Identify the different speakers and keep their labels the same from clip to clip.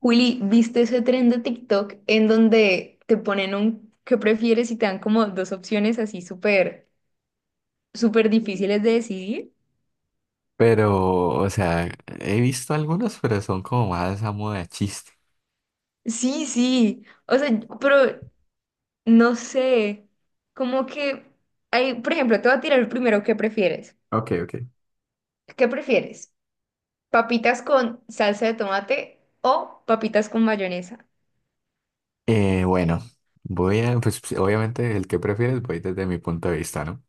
Speaker 1: Juli, ¿viste ese tren de TikTok en donde te ponen un qué prefieres y te dan como dos opciones así súper, súper difíciles de decidir?
Speaker 2: Pero, o sea, he visto algunos, pero son como más a moda de chiste.
Speaker 1: Sí, sí, o sea, pero no sé, como que hay, por ejemplo, te voy a tirar el primero, ¿qué prefieres?
Speaker 2: Ok, ok.
Speaker 1: ¿Qué prefieres? ¿Papitas con salsa de tomate o papitas con mayonesa?
Speaker 2: Eh, bueno, voy a, pues, obviamente el que prefieres voy desde mi punto de vista, ¿no?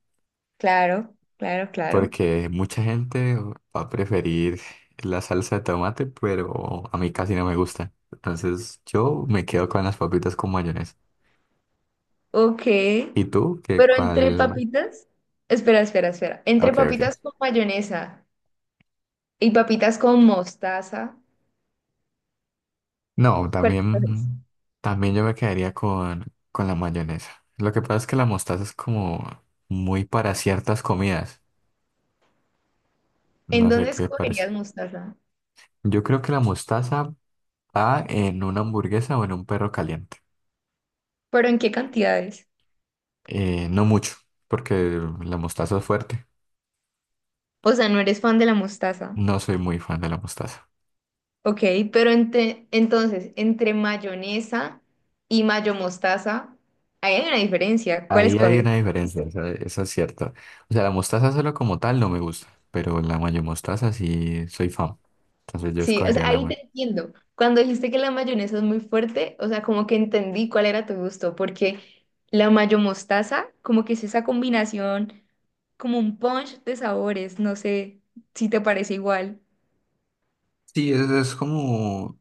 Speaker 1: Claro, claro, claro.
Speaker 2: Porque mucha gente va a preferir la salsa de tomate, pero a mí casi no me gusta. Entonces yo me quedo con las papitas con mayonesa.
Speaker 1: Ok,
Speaker 2: ¿Y tú? ¿Qué
Speaker 1: pero entre
Speaker 2: cuál?
Speaker 1: papitas, espera, espera, espera, entre
Speaker 2: Ok, ok.
Speaker 1: papitas con mayonesa. Y papitas con mostaza.
Speaker 2: No,
Speaker 1: ¿Cuáles escoges?
Speaker 2: también, también yo me quedaría con la mayonesa. Lo que pasa es que la mostaza es como muy para ciertas comidas.
Speaker 1: ¿En
Speaker 2: No sé
Speaker 1: dónde
Speaker 2: qué parece.
Speaker 1: escogerías mostaza?
Speaker 2: Yo creo que la mostaza va en una hamburguesa o en un perro caliente.
Speaker 1: ¿Pero en qué cantidades?
Speaker 2: No mucho, porque la mostaza es fuerte.
Speaker 1: O sea, no eres fan de la mostaza.
Speaker 2: No soy muy fan de la mostaza.
Speaker 1: Ok, pero entonces, entre mayonesa y mayo mostaza, ahí hay una diferencia. ¿Cuál
Speaker 2: Ahí hay
Speaker 1: escoges?
Speaker 2: una diferencia, eso es cierto. O sea, la mostaza solo como tal no me gusta, pero la mayo mostaza sí soy fan. Entonces yo
Speaker 1: Sí, o
Speaker 2: escogería
Speaker 1: sea,
Speaker 2: la
Speaker 1: ahí
Speaker 2: mayo.
Speaker 1: te entiendo. Cuando dijiste que la mayonesa es muy fuerte, o sea, como que entendí cuál era tu gusto, porque la mayo mostaza, como que es esa combinación, como un punch de sabores, no sé si te parece igual.
Speaker 2: Sí, es como.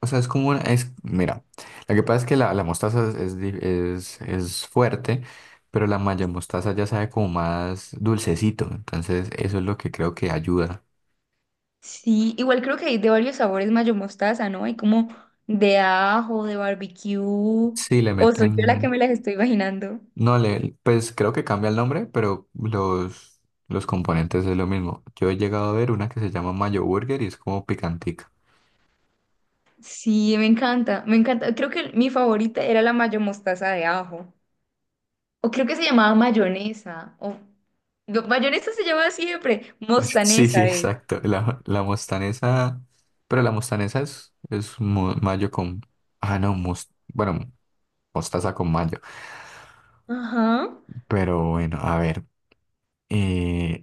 Speaker 2: O sea, es como una, es, mira, lo que pasa es que la mostaza es, es fuerte, pero la maya mostaza ya sabe como más dulcecito, entonces eso es lo que creo que ayuda.
Speaker 1: Sí, igual creo que hay de varios sabores mayo mostaza, ¿no? Hay como de ajo, de barbecue,
Speaker 2: Sí, le
Speaker 1: o soy yo la que
Speaker 2: meten,
Speaker 1: me las estoy imaginando.
Speaker 2: no le, pues creo que cambia el nombre, pero los componentes es lo mismo. Yo he llegado a ver una que se llama mayo burger y es como picantica.
Speaker 1: Sí, me encanta, me encanta. Creo que mi favorita era la mayo mostaza de ajo, o creo que se llamaba mayonesa, o no, mayonesa se llamaba siempre,
Speaker 2: Sí, sí,
Speaker 1: mostanesa es.
Speaker 2: exacto. La mostanesa, pero la mostanesa es, mayo con, ah, no, bueno, mostaza con mayo.
Speaker 1: Ajá,
Speaker 2: Pero bueno, a ver. eh,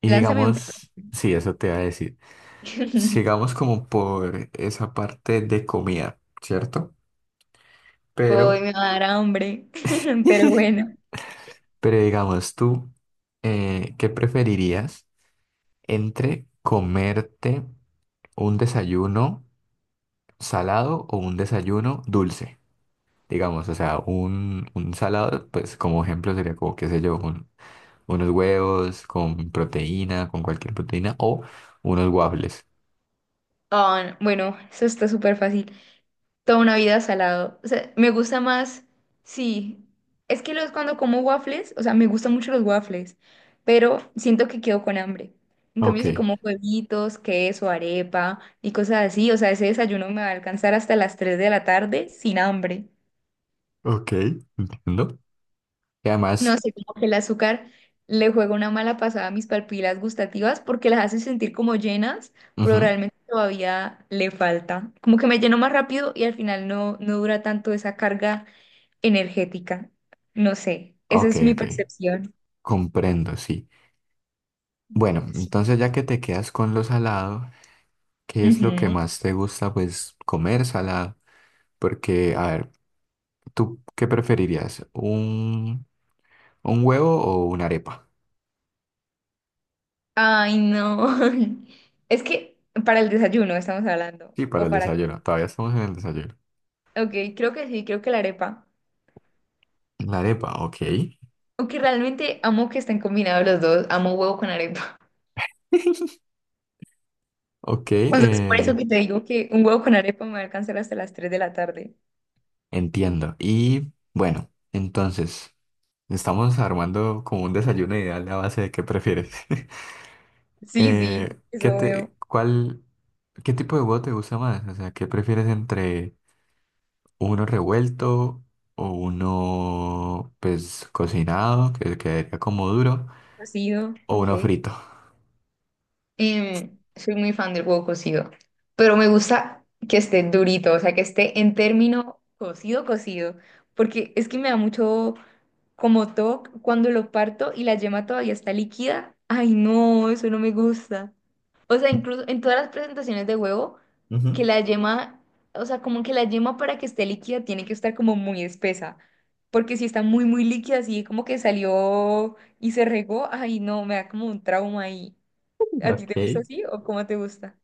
Speaker 2: y
Speaker 1: lánzame un...
Speaker 2: digamos, sí, eso te iba a decir. Sigamos como por esa parte de comida, ¿cierto?
Speaker 1: Hoy
Speaker 2: Pero,
Speaker 1: me va a dar hambre, pero bueno.
Speaker 2: pero digamos, tú, ¿qué preferirías entre comerte un desayuno salado o un desayuno dulce? Digamos, o sea, un salado, pues como ejemplo sería como, qué sé yo, unos huevos con proteína, con cualquier proteína, o unos waffles.
Speaker 1: Ah, bueno, eso está súper fácil. Toda una vida salado. O sea, me gusta más, sí. Es que cuando como waffles, o sea, me gustan mucho los waffles, pero siento que quedo con hambre. En
Speaker 2: Ok,
Speaker 1: cambio, si como huevitos, queso, arepa y cosas así, o sea, ese desayuno me va a alcanzar hasta las 3 de la tarde sin hambre.
Speaker 2: ok, entiendo. Y
Speaker 1: No
Speaker 2: además,
Speaker 1: sé, como que el azúcar le juega una mala pasada a mis papilas gustativas porque las hace sentir como llenas, pero
Speaker 2: ujú,
Speaker 1: realmente todavía le falta. Como que me lleno más rápido y al final no dura tanto esa carga energética. No sé, esa
Speaker 2: ok,
Speaker 1: es mi
Speaker 2: ok,
Speaker 1: percepción.
Speaker 2: comprendo, sí. Bueno,
Speaker 1: Sí.
Speaker 2: entonces ya que te quedas con lo salado, ¿qué es lo que
Speaker 1: Ujú.
Speaker 2: más te gusta, pues, comer salado? Porque, a ver, ¿tú qué preferirías? Un huevo o una arepa?
Speaker 1: Ay, no. Es que para el desayuno estamos hablando.
Speaker 2: Sí, para
Speaker 1: ¿O
Speaker 2: el
Speaker 1: para qué?
Speaker 2: desayuno, todavía estamos en el desayuno.
Speaker 1: Ok, creo que sí, creo que la arepa.
Speaker 2: La arepa, ok.
Speaker 1: Aunque realmente amo que estén combinados los dos, amo huevo con arepa.
Speaker 2: Ok,
Speaker 1: O sea, es por eso que te digo que un huevo con arepa me va a alcanzar hasta las 3 de la tarde.
Speaker 2: entiendo. Y bueno, entonces, estamos armando como un desayuno ideal a base de qué prefieres.
Speaker 1: Sí, sí, eso veo.
Speaker 2: Cuál, ¿qué tipo de huevo te gusta más? O sea, ¿qué prefieres entre uno revuelto o uno, pues, cocinado, que quedaría como duro,
Speaker 1: Cocido,
Speaker 2: o uno
Speaker 1: ok.
Speaker 2: frito?
Speaker 1: Soy muy fan del huevo cocido, pero me gusta que esté durito, o sea, que esté en término cocido, cocido, porque es que me da mucho como toque cuando lo parto y la yema todavía está líquida. Ay, no, eso no me gusta. O sea, incluso en todas las presentaciones de huevo, que
Speaker 2: Ujú.
Speaker 1: la yema, o sea, como que la yema para que esté líquida tiene que estar como muy espesa, porque si está muy, muy líquida, así como que salió y se regó, ay, no, me da como un trauma ahí. ¿A ti
Speaker 2: Ok.
Speaker 1: te gusta así o cómo te gusta?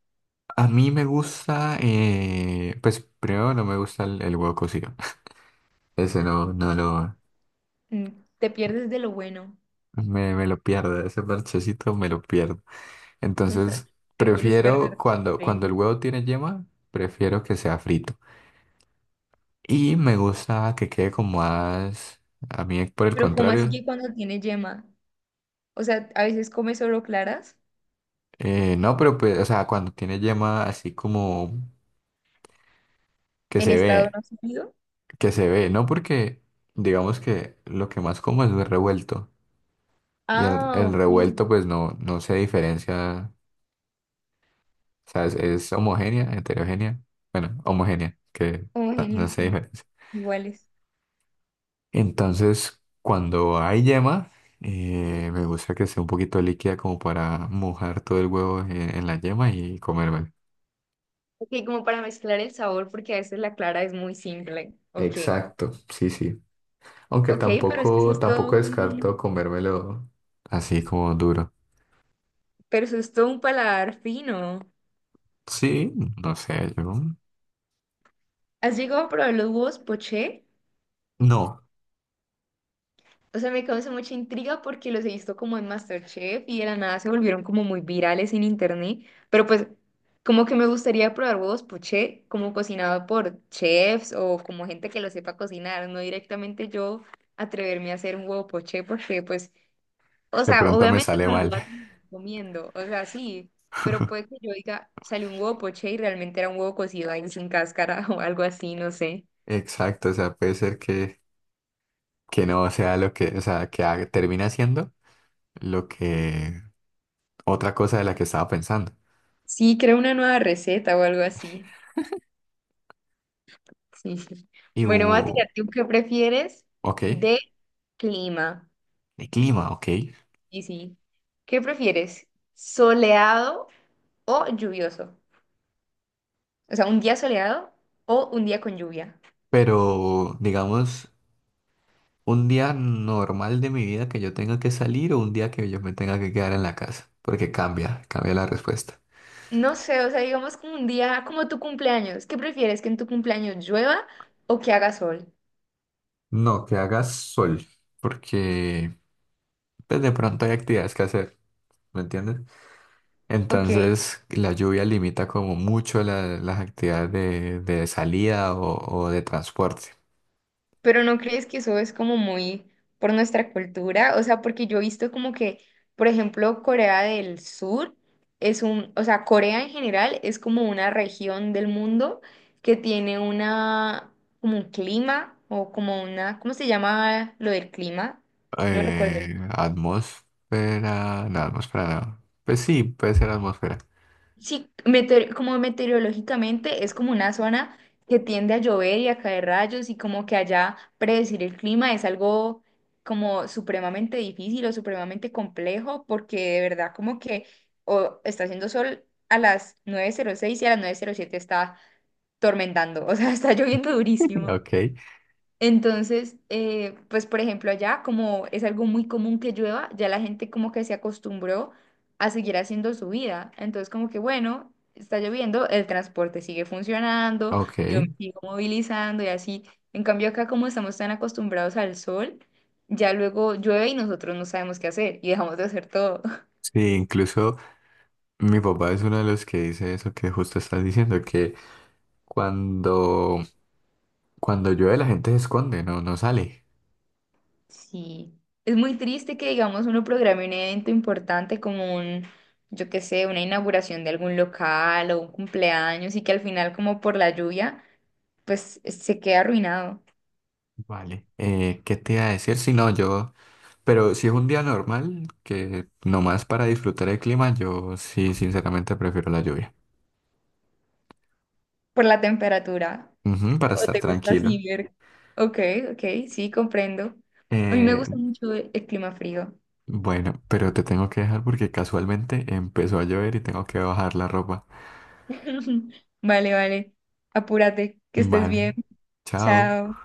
Speaker 2: A mí me gusta, pues, primero no me gusta el huevo cocido. Ese no,
Speaker 1: Mm, te pierdes de lo bueno.
Speaker 2: me lo pierdo, ese parchecito me lo pierdo. Entonces,
Speaker 1: Te quieres
Speaker 2: prefiero
Speaker 1: perder.
Speaker 2: cuando el
Speaker 1: Increíble.
Speaker 2: huevo tiene yema, prefiero que sea frito. Y me gusta que quede como más, a mí por el
Speaker 1: Pero ¿cómo así
Speaker 2: contrario,
Speaker 1: que cuando tiene yema? O sea, a veces come solo claras
Speaker 2: no, pero pues, o sea, cuando tiene yema así como que
Speaker 1: en
Speaker 2: se
Speaker 1: estado
Speaker 2: ve,
Speaker 1: no sólido.
Speaker 2: que se ve, no porque digamos que lo que más como es el revuelto y
Speaker 1: Ah,
Speaker 2: el
Speaker 1: ok.
Speaker 2: revuelto pues no, no se diferencia, o sea, es homogénea, heterogénea, bueno, homogénea, que no,
Speaker 1: Homogéneo,
Speaker 2: no se
Speaker 1: sí.
Speaker 2: diferencia.
Speaker 1: Iguales.
Speaker 2: Entonces, cuando hay yema, me gusta que sea un poquito líquida como para mojar todo el huevo en la yema y comérmelo.
Speaker 1: Ok, como para mezclar el sabor, porque a veces la clara es muy simple. Ok.
Speaker 2: Exacto, sí, sí. Aunque
Speaker 1: Ok, pero es que eso
Speaker 2: tampoco,
Speaker 1: es todo
Speaker 2: tampoco descarto
Speaker 1: un...
Speaker 2: comérmelo así como duro.
Speaker 1: Pero eso es todo un paladar fino.
Speaker 2: Sí, no sé, yo
Speaker 1: ¿Has llegado a probar los huevos poché?
Speaker 2: no.
Speaker 1: O sea, me causa mucha intriga porque los he visto como en MasterChef y de la nada se volvieron como muy virales en internet. Pero pues, como que me gustaría probar huevos poché, como cocinado por chefs o como gente que lo sepa cocinar, no directamente yo atreverme a hacer un huevo poché porque pues, o
Speaker 2: De
Speaker 1: sea,
Speaker 2: pronto me
Speaker 1: obviamente
Speaker 2: sale
Speaker 1: me lo
Speaker 2: mal.
Speaker 1: voy a terminar comiendo, o sea, sí, pero puede que yo diga, salió un huevo poché y realmente era un huevo cocido ahí sin cáscara o algo así, no sé.
Speaker 2: Exacto, o sea, puede ser que no sea lo que, o sea, termine siendo lo que otra cosa de la que estaba pensando.
Speaker 1: Sí, creo una nueva receta o algo así. Sí, sí.
Speaker 2: Y
Speaker 1: Bueno, voy a
Speaker 2: hubo,
Speaker 1: tirarte un qué prefieres
Speaker 2: ok.
Speaker 1: de clima.
Speaker 2: De clima, ok.
Speaker 1: Y sí. ¿Qué prefieres? ¿Soleado o lluvioso? O sea, un día soleado o un día con lluvia.
Speaker 2: Pero, digamos, un día normal de mi vida que yo tenga que salir o un día que yo me tenga que quedar en la casa, porque cambia, cambia la respuesta.
Speaker 1: No sé, o sea, digamos como un día como tu cumpleaños. ¿Qué prefieres? ¿Que en tu cumpleaños llueva o que haga sol?
Speaker 2: No, que haga sol, porque pues, de pronto hay actividades que hacer, ¿me entiendes?
Speaker 1: Ok.
Speaker 2: Entonces, la lluvia limita como mucho las actividades de salida o de transporte.
Speaker 1: Pero ¿no crees que eso es como muy por nuestra cultura? O sea, porque yo he visto como que, por ejemplo, Corea del Sur es un, o sea, Corea en general es como una región del mundo que tiene una, como un clima o como una, ¿cómo se llama lo del clima? No recuerdo.
Speaker 2: Atmósfera, no, atmósfera no. Pues sí, puede ser atmósfera.
Speaker 1: Sí, como meteorológicamente es como una zona que tiende a llover y a caer rayos y como que allá predecir el clima es algo como supremamente difícil o supremamente complejo porque de verdad como que o está haciendo sol a las 9:06 y a las 9:07 está tormentando, o sea, está lloviendo durísimo.
Speaker 2: Ok,
Speaker 1: Entonces, pues por ejemplo allá, como es algo muy común que llueva, ya la gente como que se acostumbró a seguir haciendo su vida. Entonces como que bueno, está lloviendo, el transporte sigue funcionando, yo
Speaker 2: ok.
Speaker 1: me sigo movilizando y así. En cambio acá como estamos tan acostumbrados al sol, ya luego llueve y nosotros no sabemos qué hacer y dejamos de hacer todo.
Speaker 2: Sí, incluso mi papá es uno de los que dice eso que justo estás diciendo, que cuando, cuando llueve la gente se esconde, no, no sale.
Speaker 1: Sí, es muy triste que, digamos, uno programe un evento importante como un, yo qué sé, una inauguración de algún local o un cumpleaños y que al final, como por la lluvia, pues se queda arruinado
Speaker 2: Vale. ¿Qué te iba a decir? Si no, yo, pero si es un día normal, que nomás para disfrutar el clima, yo sí, sinceramente prefiero la lluvia.
Speaker 1: por la temperatura.
Speaker 2: Ujú, para
Speaker 1: ¿O
Speaker 2: estar
Speaker 1: te gusta
Speaker 2: tranquilo.
Speaker 1: así ver? Ok, ok, sí, comprendo. A mí me
Speaker 2: Eh,
Speaker 1: gusta mucho el clima frío.
Speaker 2: bueno, pero te tengo que dejar porque casualmente empezó a llover y tengo que bajar la ropa.
Speaker 1: Vale, vale. Apúrate, que estés bien.
Speaker 2: Vale. Chao.
Speaker 1: Chao.